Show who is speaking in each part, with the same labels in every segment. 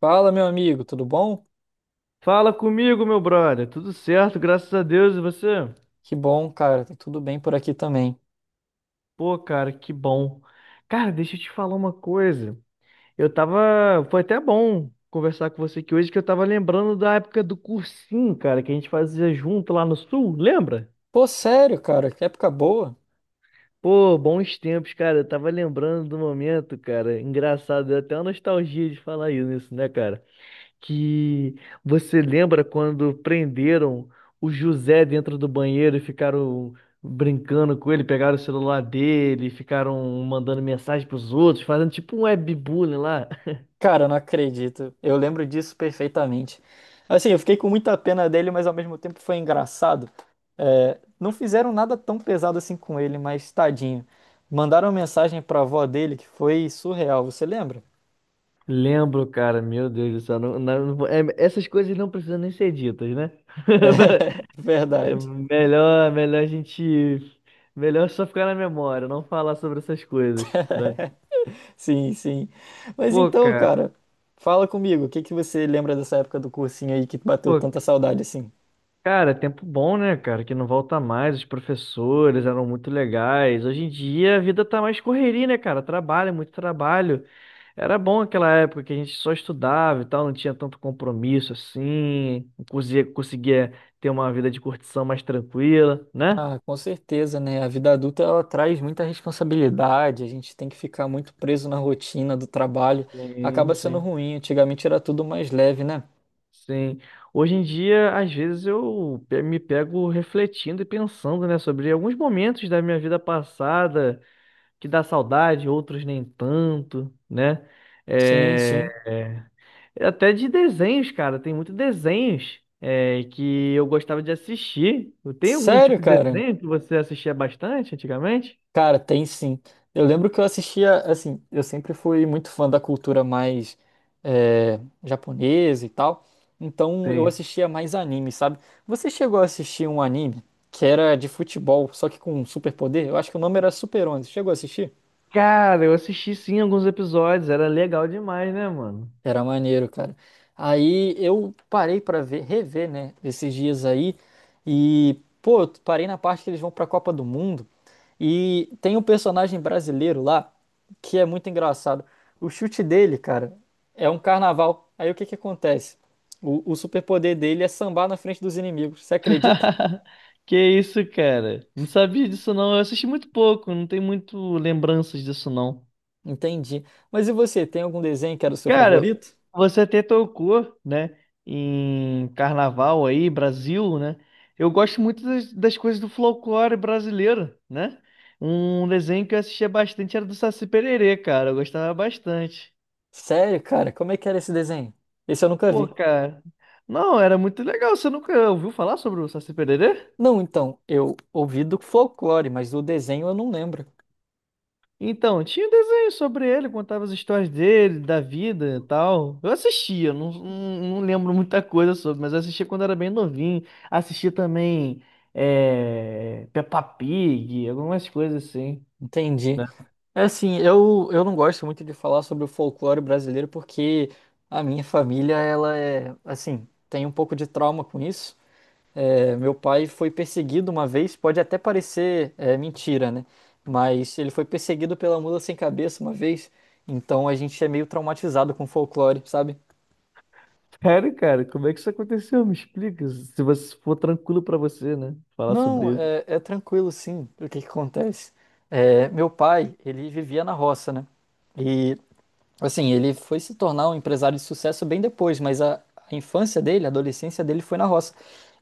Speaker 1: Fala, meu amigo, tudo bom?
Speaker 2: Fala comigo, meu brother. Tudo certo, graças a Deus. E você?
Speaker 1: Que bom, cara, tá tudo bem por aqui também.
Speaker 2: Pô, cara, que bom. Cara, deixa eu te falar uma coisa. Eu tava. Foi até bom conversar com você aqui hoje, que eu tava lembrando da época do cursinho, cara, que a gente fazia junto lá no Sul, lembra?
Speaker 1: Pô, sério, cara, que época boa.
Speaker 2: Pô, bons tempos, cara. Eu tava lembrando do momento, cara. Engraçado, deu até uma nostalgia de falar isso, né, cara? Que Você lembra quando prenderam o José dentro do banheiro e ficaram brincando com ele, pegaram o celular dele, ficaram mandando mensagem pros outros, fazendo tipo um webbullying lá.
Speaker 1: Cara, eu não acredito. Eu lembro disso perfeitamente. Assim, eu fiquei com muita pena dele, mas ao mesmo tempo foi engraçado. É, não fizeram nada tão pesado assim com ele, mas tadinho. Mandaram uma mensagem pra avó dele que foi surreal, você lembra?
Speaker 2: Lembro, cara, meu Deus do céu. Essas coisas não precisam nem ser ditas, né? É
Speaker 1: Verdade.
Speaker 2: melhor, melhor a gente. Melhor só ficar na memória, não falar sobre essas coisas, né?
Speaker 1: Sim, sim. Mas
Speaker 2: Pô,
Speaker 1: então,
Speaker 2: cara.
Speaker 1: cara, fala comigo, o que que você lembra dessa época do cursinho aí que bateu
Speaker 2: Pô,
Speaker 1: tanta saudade assim?
Speaker 2: cara, tempo bom, né, cara? Que não volta mais. Os professores eram muito legais. Hoje em dia a vida tá mais correria, né, cara? Trabalho, é muito trabalho. Era bom aquela época que a gente só estudava e tal, não tinha tanto compromisso assim, conseguia ter uma vida de curtição mais tranquila, né?
Speaker 1: Ah, com certeza, né? A vida adulta ela traz muita responsabilidade, a gente tem que ficar muito preso na rotina do trabalho,
Speaker 2: Sim,
Speaker 1: acaba sendo
Speaker 2: sim,
Speaker 1: ruim. Antigamente era tudo mais leve, né?
Speaker 2: sim. Hoje em dia, às vezes me pego refletindo e pensando, né, sobre alguns momentos da minha vida passada que dá saudade, outros nem tanto, né?
Speaker 1: Sim,
Speaker 2: É,
Speaker 1: sim.
Speaker 2: até de desenhos, cara, tem muitos desenhos que eu gostava de assistir. Tem algum
Speaker 1: Sério,
Speaker 2: tipo de
Speaker 1: cara?
Speaker 2: desenho que você assistia bastante antigamente?
Speaker 1: Cara, tem sim. Eu lembro que eu assistia, assim, eu sempre fui muito fã da cultura mais é, japonesa e tal, então eu
Speaker 2: Sim.
Speaker 1: assistia mais anime, sabe? Você chegou a assistir um anime que era de futebol, só que com um superpoder? Eu acho que o nome era Super 11. Chegou a assistir?
Speaker 2: Cara, eu assisti sim alguns episódios, era legal demais, né, mano?
Speaker 1: Era maneiro, cara. Aí eu parei pra ver, rever, né, esses dias aí e, pô, eu parei na parte que eles vão pra Copa do Mundo e tem um personagem brasileiro lá que é muito engraçado. O chute dele, cara, é um carnaval. Aí o que que acontece? O superpoder dele é sambar na frente dos inimigos. Você acredita?
Speaker 2: Que isso, cara? Não sabia disso não. Eu assisti muito pouco, não tenho muito lembranças disso não.
Speaker 1: Entendi. Mas e você, tem algum desenho que era o seu
Speaker 2: Cara,
Speaker 1: favorito?
Speaker 2: você até tocou, né, em carnaval aí, Brasil, né? Eu gosto muito das coisas do folclore brasileiro, né? Um desenho que eu assistia bastante era do Saci Pererê, cara. Eu gostava bastante.
Speaker 1: Sério, cara? Como é que era esse desenho? Esse eu nunca
Speaker 2: Pô,
Speaker 1: vi.
Speaker 2: cara. Não, era muito legal. Você nunca ouviu falar sobre o Saci Pererê?
Speaker 1: Não, então, eu ouvi do folclore, mas do desenho eu não lembro.
Speaker 2: Então, tinha um desenho sobre ele, contava as histórias dele, da vida e tal. Eu assistia, não lembro muita coisa sobre, mas eu assistia quando era bem novinho. Assistia também Peppa Pig, algumas coisas assim.
Speaker 1: Entendi. É assim, eu não gosto muito de falar sobre o folclore brasileiro porque a minha família, ela é, assim, tem um pouco de trauma com isso. É, meu pai foi perseguido uma vez, pode até parecer mentira, né? Mas ele foi perseguido pela mula sem cabeça uma vez, então a gente é meio traumatizado com folclore, sabe?
Speaker 2: Sério, cara, como é que isso aconteceu? Me explica, se você for tranquilo pra você, né? Falar
Speaker 1: Não,
Speaker 2: sobre isso.
Speaker 1: é, é tranquilo sim. O que que acontece? É, meu pai, ele vivia na roça, né? E, assim, ele foi se tornar um empresário de sucesso bem depois, mas a infância dele, a adolescência dele foi na roça.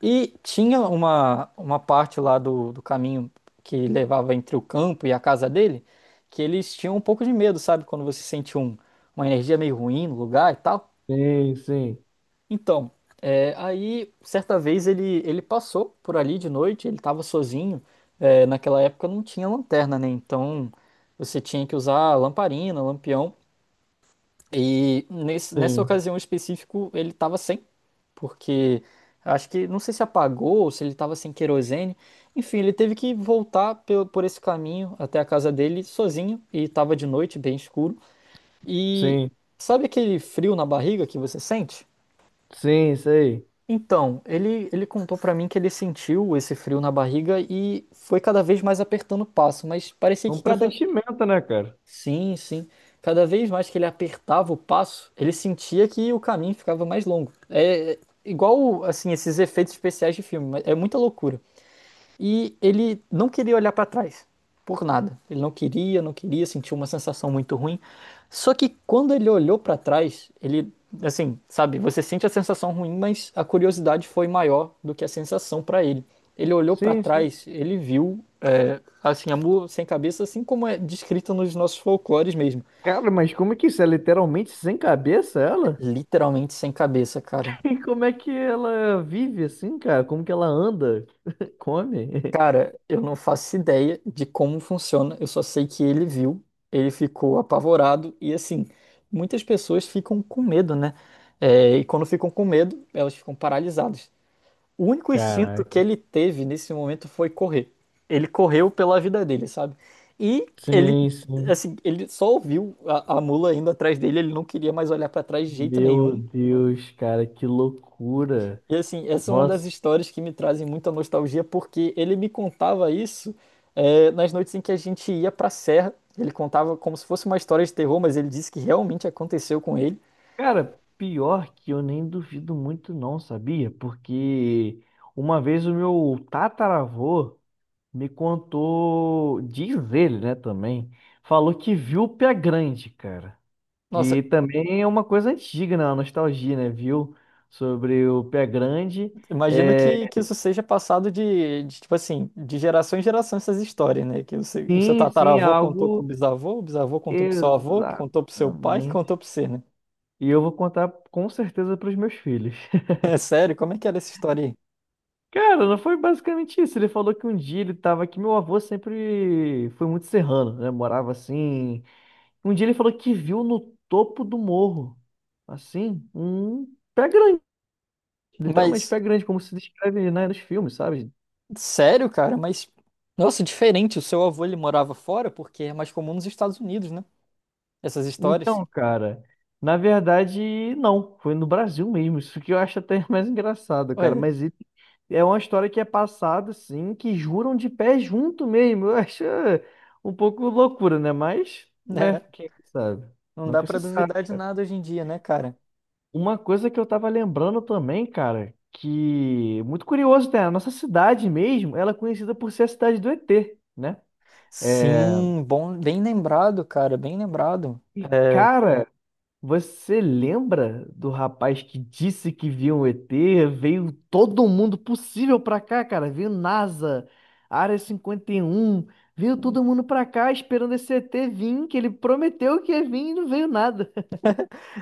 Speaker 1: E tinha uma parte lá do caminho que levava entre o campo e a casa dele, que eles tinham um pouco de medo, sabe? Quando você sente uma energia meio ruim no lugar e tal.
Speaker 2: Sim, sim,
Speaker 1: Então. É, aí, certa vez, ele passou por ali de noite, ele estava sozinho. É, naquela época não tinha lanterna, né? Então você tinha que usar lamparina, lampião. E nessa
Speaker 2: sim,
Speaker 1: ocasião em específico, ele estava sem, porque acho que, não sei se apagou ou se ele estava sem querosene. Enfim, ele teve que voltar por esse caminho até a casa dele sozinho, e estava de noite, bem escuro. E
Speaker 2: sim,
Speaker 1: sabe aquele frio na barriga que você sente?
Speaker 2: sim, isso aí.
Speaker 1: Então, ele contou pra mim que ele sentiu esse frio na barriga e foi cada vez mais apertando o passo, mas parecia
Speaker 2: É um
Speaker 1: que cada.
Speaker 2: pressentimento, né, cara?
Speaker 1: Sim, sim. Cada vez mais que ele apertava o passo, ele sentia que o caminho ficava mais longo. É igual, assim, esses efeitos especiais de filme, mas é muita loucura. E ele não queria olhar para trás, por nada. Ele não queria, não queria, sentiu uma sensação muito ruim. Só que quando ele olhou para trás, ele, assim, sabe, você sente a sensação ruim, mas a curiosidade foi maior do que a sensação para ele. Ele olhou para
Speaker 2: Sim, sim.
Speaker 1: trás, ele viu, assim, a mula sem cabeça, assim como é descrita nos nossos folclores mesmo.
Speaker 2: Cara, mas como é que isso é literalmente sem cabeça, ela?
Speaker 1: Literalmente sem cabeça, cara.
Speaker 2: E como é que ela vive assim, cara? Como que ela anda? Come?
Speaker 1: Cara, eu não faço ideia de como funciona, eu só sei que ele viu, ele ficou apavorado e assim, muitas pessoas ficam com medo, né? É, e quando ficam com medo, elas ficam paralisadas. O único instinto que
Speaker 2: Caraca.
Speaker 1: ele teve nesse momento foi correr. Ele correu pela vida dele, sabe? E ele,
Speaker 2: Sim, sim.
Speaker 1: assim, ele só ouviu a mula indo atrás dele, ele não queria mais olhar pra trás de jeito nenhum
Speaker 2: Meu Deus, cara, que loucura.
Speaker 1: e assim, essa é uma das
Speaker 2: Nossa.
Speaker 1: histórias que me trazem muita nostalgia, porque ele me contava isso nas noites em que a gente ia pra serra. Ele contava como se fosse uma história de terror, mas ele disse que realmente aconteceu com ele.
Speaker 2: Cara, pior que eu nem duvido muito não, sabia? Porque uma vez o meu tataravô me contou, diz ele, né, também, falou que viu o pé grande, cara.
Speaker 1: Nossa,
Speaker 2: Que também é uma coisa antiga, né? Uma nostalgia, né? Viu? Sobre o pé grande.
Speaker 1: imagino que
Speaker 2: É,
Speaker 1: isso seja passado tipo assim, de geração em geração essas histórias, né? Que o seu
Speaker 2: sim, sim, é
Speaker 1: tataravô contou pro
Speaker 2: algo
Speaker 1: bisavô, o bisavô contou pro seu avô, que contou pro seu pai, que
Speaker 2: exatamente.
Speaker 1: contou pro você, né?
Speaker 2: E eu vou contar com certeza para os meus filhos.
Speaker 1: É sério, como é que era essa história aí?
Speaker 2: Cara, não foi basicamente isso. Ele falou que um dia ele tava aqui. Meu avô sempre foi muito serrano, né? Morava assim. Um dia ele falou que viu no topo do morro, assim, um pé grande, literalmente
Speaker 1: Mas
Speaker 2: pé grande, como se descreve, né, nos filmes, sabe?
Speaker 1: sério, cara, mas. Nossa, diferente. O seu avô ele morava fora porque é mais comum nos Estados Unidos, né? Essas histórias.
Speaker 2: Então, cara, na verdade, não. Foi no Brasil mesmo. Isso que eu acho até mais engraçado, cara.
Speaker 1: Ué,
Speaker 2: É uma história que é passada, assim, que juram de pé junto mesmo. Eu acho um pouco loucura, né? Mas, né?
Speaker 1: né?
Speaker 2: Quem sabe?
Speaker 1: Não dá
Speaker 2: Nunca
Speaker 1: pra
Speaker 2: se sabe.
Speaker 1: duvidar de nada hoje em dia, né, cara?
Speaker 2: Uma coisa que eu tava lembrando também, cara, que muito curioso, né? A nossa cidade mesmo, ela é conhecida por ser a cidade do ET, né? É...
Speaker 1: Sim, bom, bem lembrado, cara, bem lembrado.
Speaker 2: E,
Speaker 1: É,
Speaker 2: cara. Você lembra do rapaz que disse que viu um ET? Veio todo mundo possível pra cá, cara. Veio NASA, Área 51, veio todo mundo pra cá esperando esse ET vir, que ele prometeu que ia vir e não veio nada.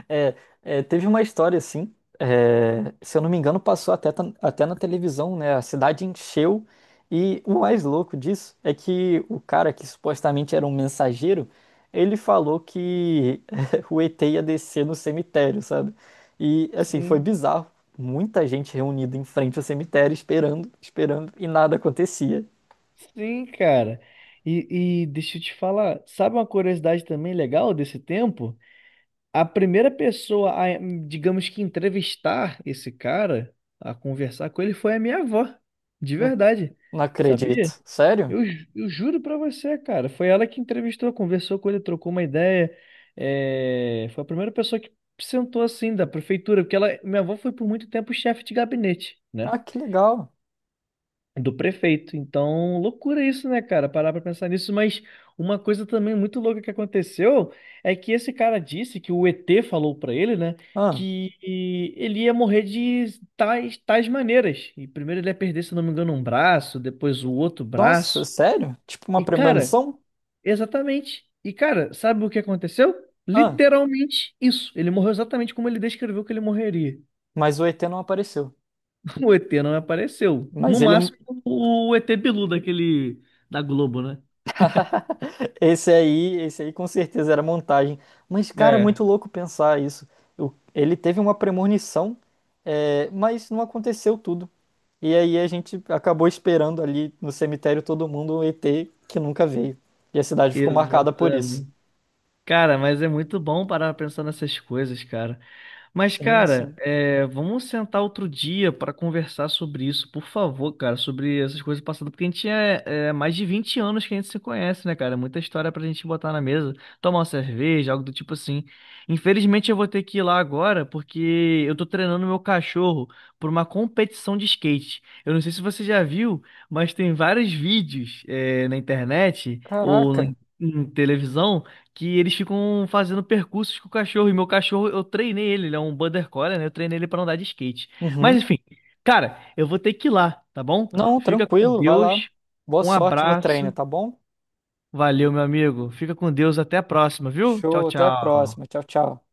Speaker 1: É, teve uma história assim, se eu não me engano, passou até, até na televisão, né? A cidade encheu. E o mais louco disso é que o cara que supostamente era um mensageiro, ele falou que o ET ia descer no cemitério, sabe? E assim, foi
Speaker 2: Sim,
Speaker 1: bizarro. Muita gente reunida em frente ao cemitério esperando, esperando, e nada acontecia.
Speaker 2: sim, cara. E deixa eu te falar, sabe uma curiosidade também legal desse tempo? A primeira pessoa digamos que entrevistar esse cara, a conversar com ele, foi a minha avó, de
Speaker 1: Hum,
Speaker 2: verdade.
Speaker 1: Não acredito.
Speaker 2: Sabia?
Speaker 1: Sério?
Speaker 2: Eu juro pra você, cara. Foi ela que entrevistou, conversou com ele, trocou uma ideia. É, foi a primeira pessoa que sentou assim da prefeitura, porque ela, minha avó foi por muito tempo chefe de gabinete, né?
Speaker 1: Ah, que legal.
Speaker 2: Do prefeito. Então, loucura isso, né, cara? Parar pra pensar nisso. Mas uma coisa também muito louca que aconteceu é que esse cara disse que o ET falou pra ele, né?
Speaker 1: Ah,
Speaker 2: Que ele ia morrer de tais maneiras. E primeiro ele ia perder, se eu não me engano, um braço, depois o outro
Speaker 1: nossa,
Speaker 2: braço.
Speaker 1: sério? Tipo uma
Speaker 2: E, cara.
Speaker 1: premonição?
Speaker 2: Exatamente. E, cara, sabe o que aconteceu? Literalmente isso. Ele morreu exatamente como ele descreveu que ele morreria.
Speaker 1: Mas o ET não apareceu.
Speaker 2: O ET não apareceu.
Speaker 1: Mas
Speaker 2: No
Speaker 1: ele,
Speaker 2: máximo, o ET Bilu daquele da Globo, né?
Speaker 1: esse aí com certeza era montagem. Mas, cara, é
Speaker 2: É,
Speaker 1: muito louco pensar isso. Ele teve uma premonição, mas não aconteceu tudo. E aí a gente acabou esperando ali no cemitério todo mundo um ET que nunca veio. E a cidade ficou marcada por isso.
Speaker 2: exatamente. Cara, mas é muito bom parar pra pensar nessas coisas, cara. Mas,
Speaker 1: Sim,
Speaker 2: cara,
Speaker 1: sim.
Speaker 2: vamos sentar outro dia para conversar sobre isso, por favor, cara, sobre essas coisas passadas, porque é mais de 20 anos que a gente se conhece, né, cara? É muita história pra gente botar na mesa, tomar uma cerveja, algo do tipo assim. Infelizmente, eu vou ter que ir lá agora, porque eu tô treinando meu cachorro por uma competição de skate. Eu não sei se você já viu, mas tem vários vídeos, na internet ou na
Speaker 1: Caraca.
Speaker 2: em televisão que eles ficam fazendo percursos com o cachorro. E meu cachorro, eu treinei ele, ele é um border collie, né? Eu treinei ele pra andar de skate. Mas
Speaker 1: Uhum.
Speaker 2: enfim, cara, eu vou ter que ir lá, tá bom?
Speaker 1: Não,
Speaker 2: Fica com
Speaker 1: tranquilo, vai lá.
Speaker 2: Deus.
Speaker 1: Boa
Speaker 2: Um
Speaker 1: sorte no treino,
Speaker 2: abraço.
Speaker 1: tá bom?
Speaker 2: Valeu, meu amigo. Fica com Deus. Até a próxima, viu? Tchau,
Speaker 1: Show, até a próxima.
Speaker 2: tchau.
Speaker 1: Tchau, tchau.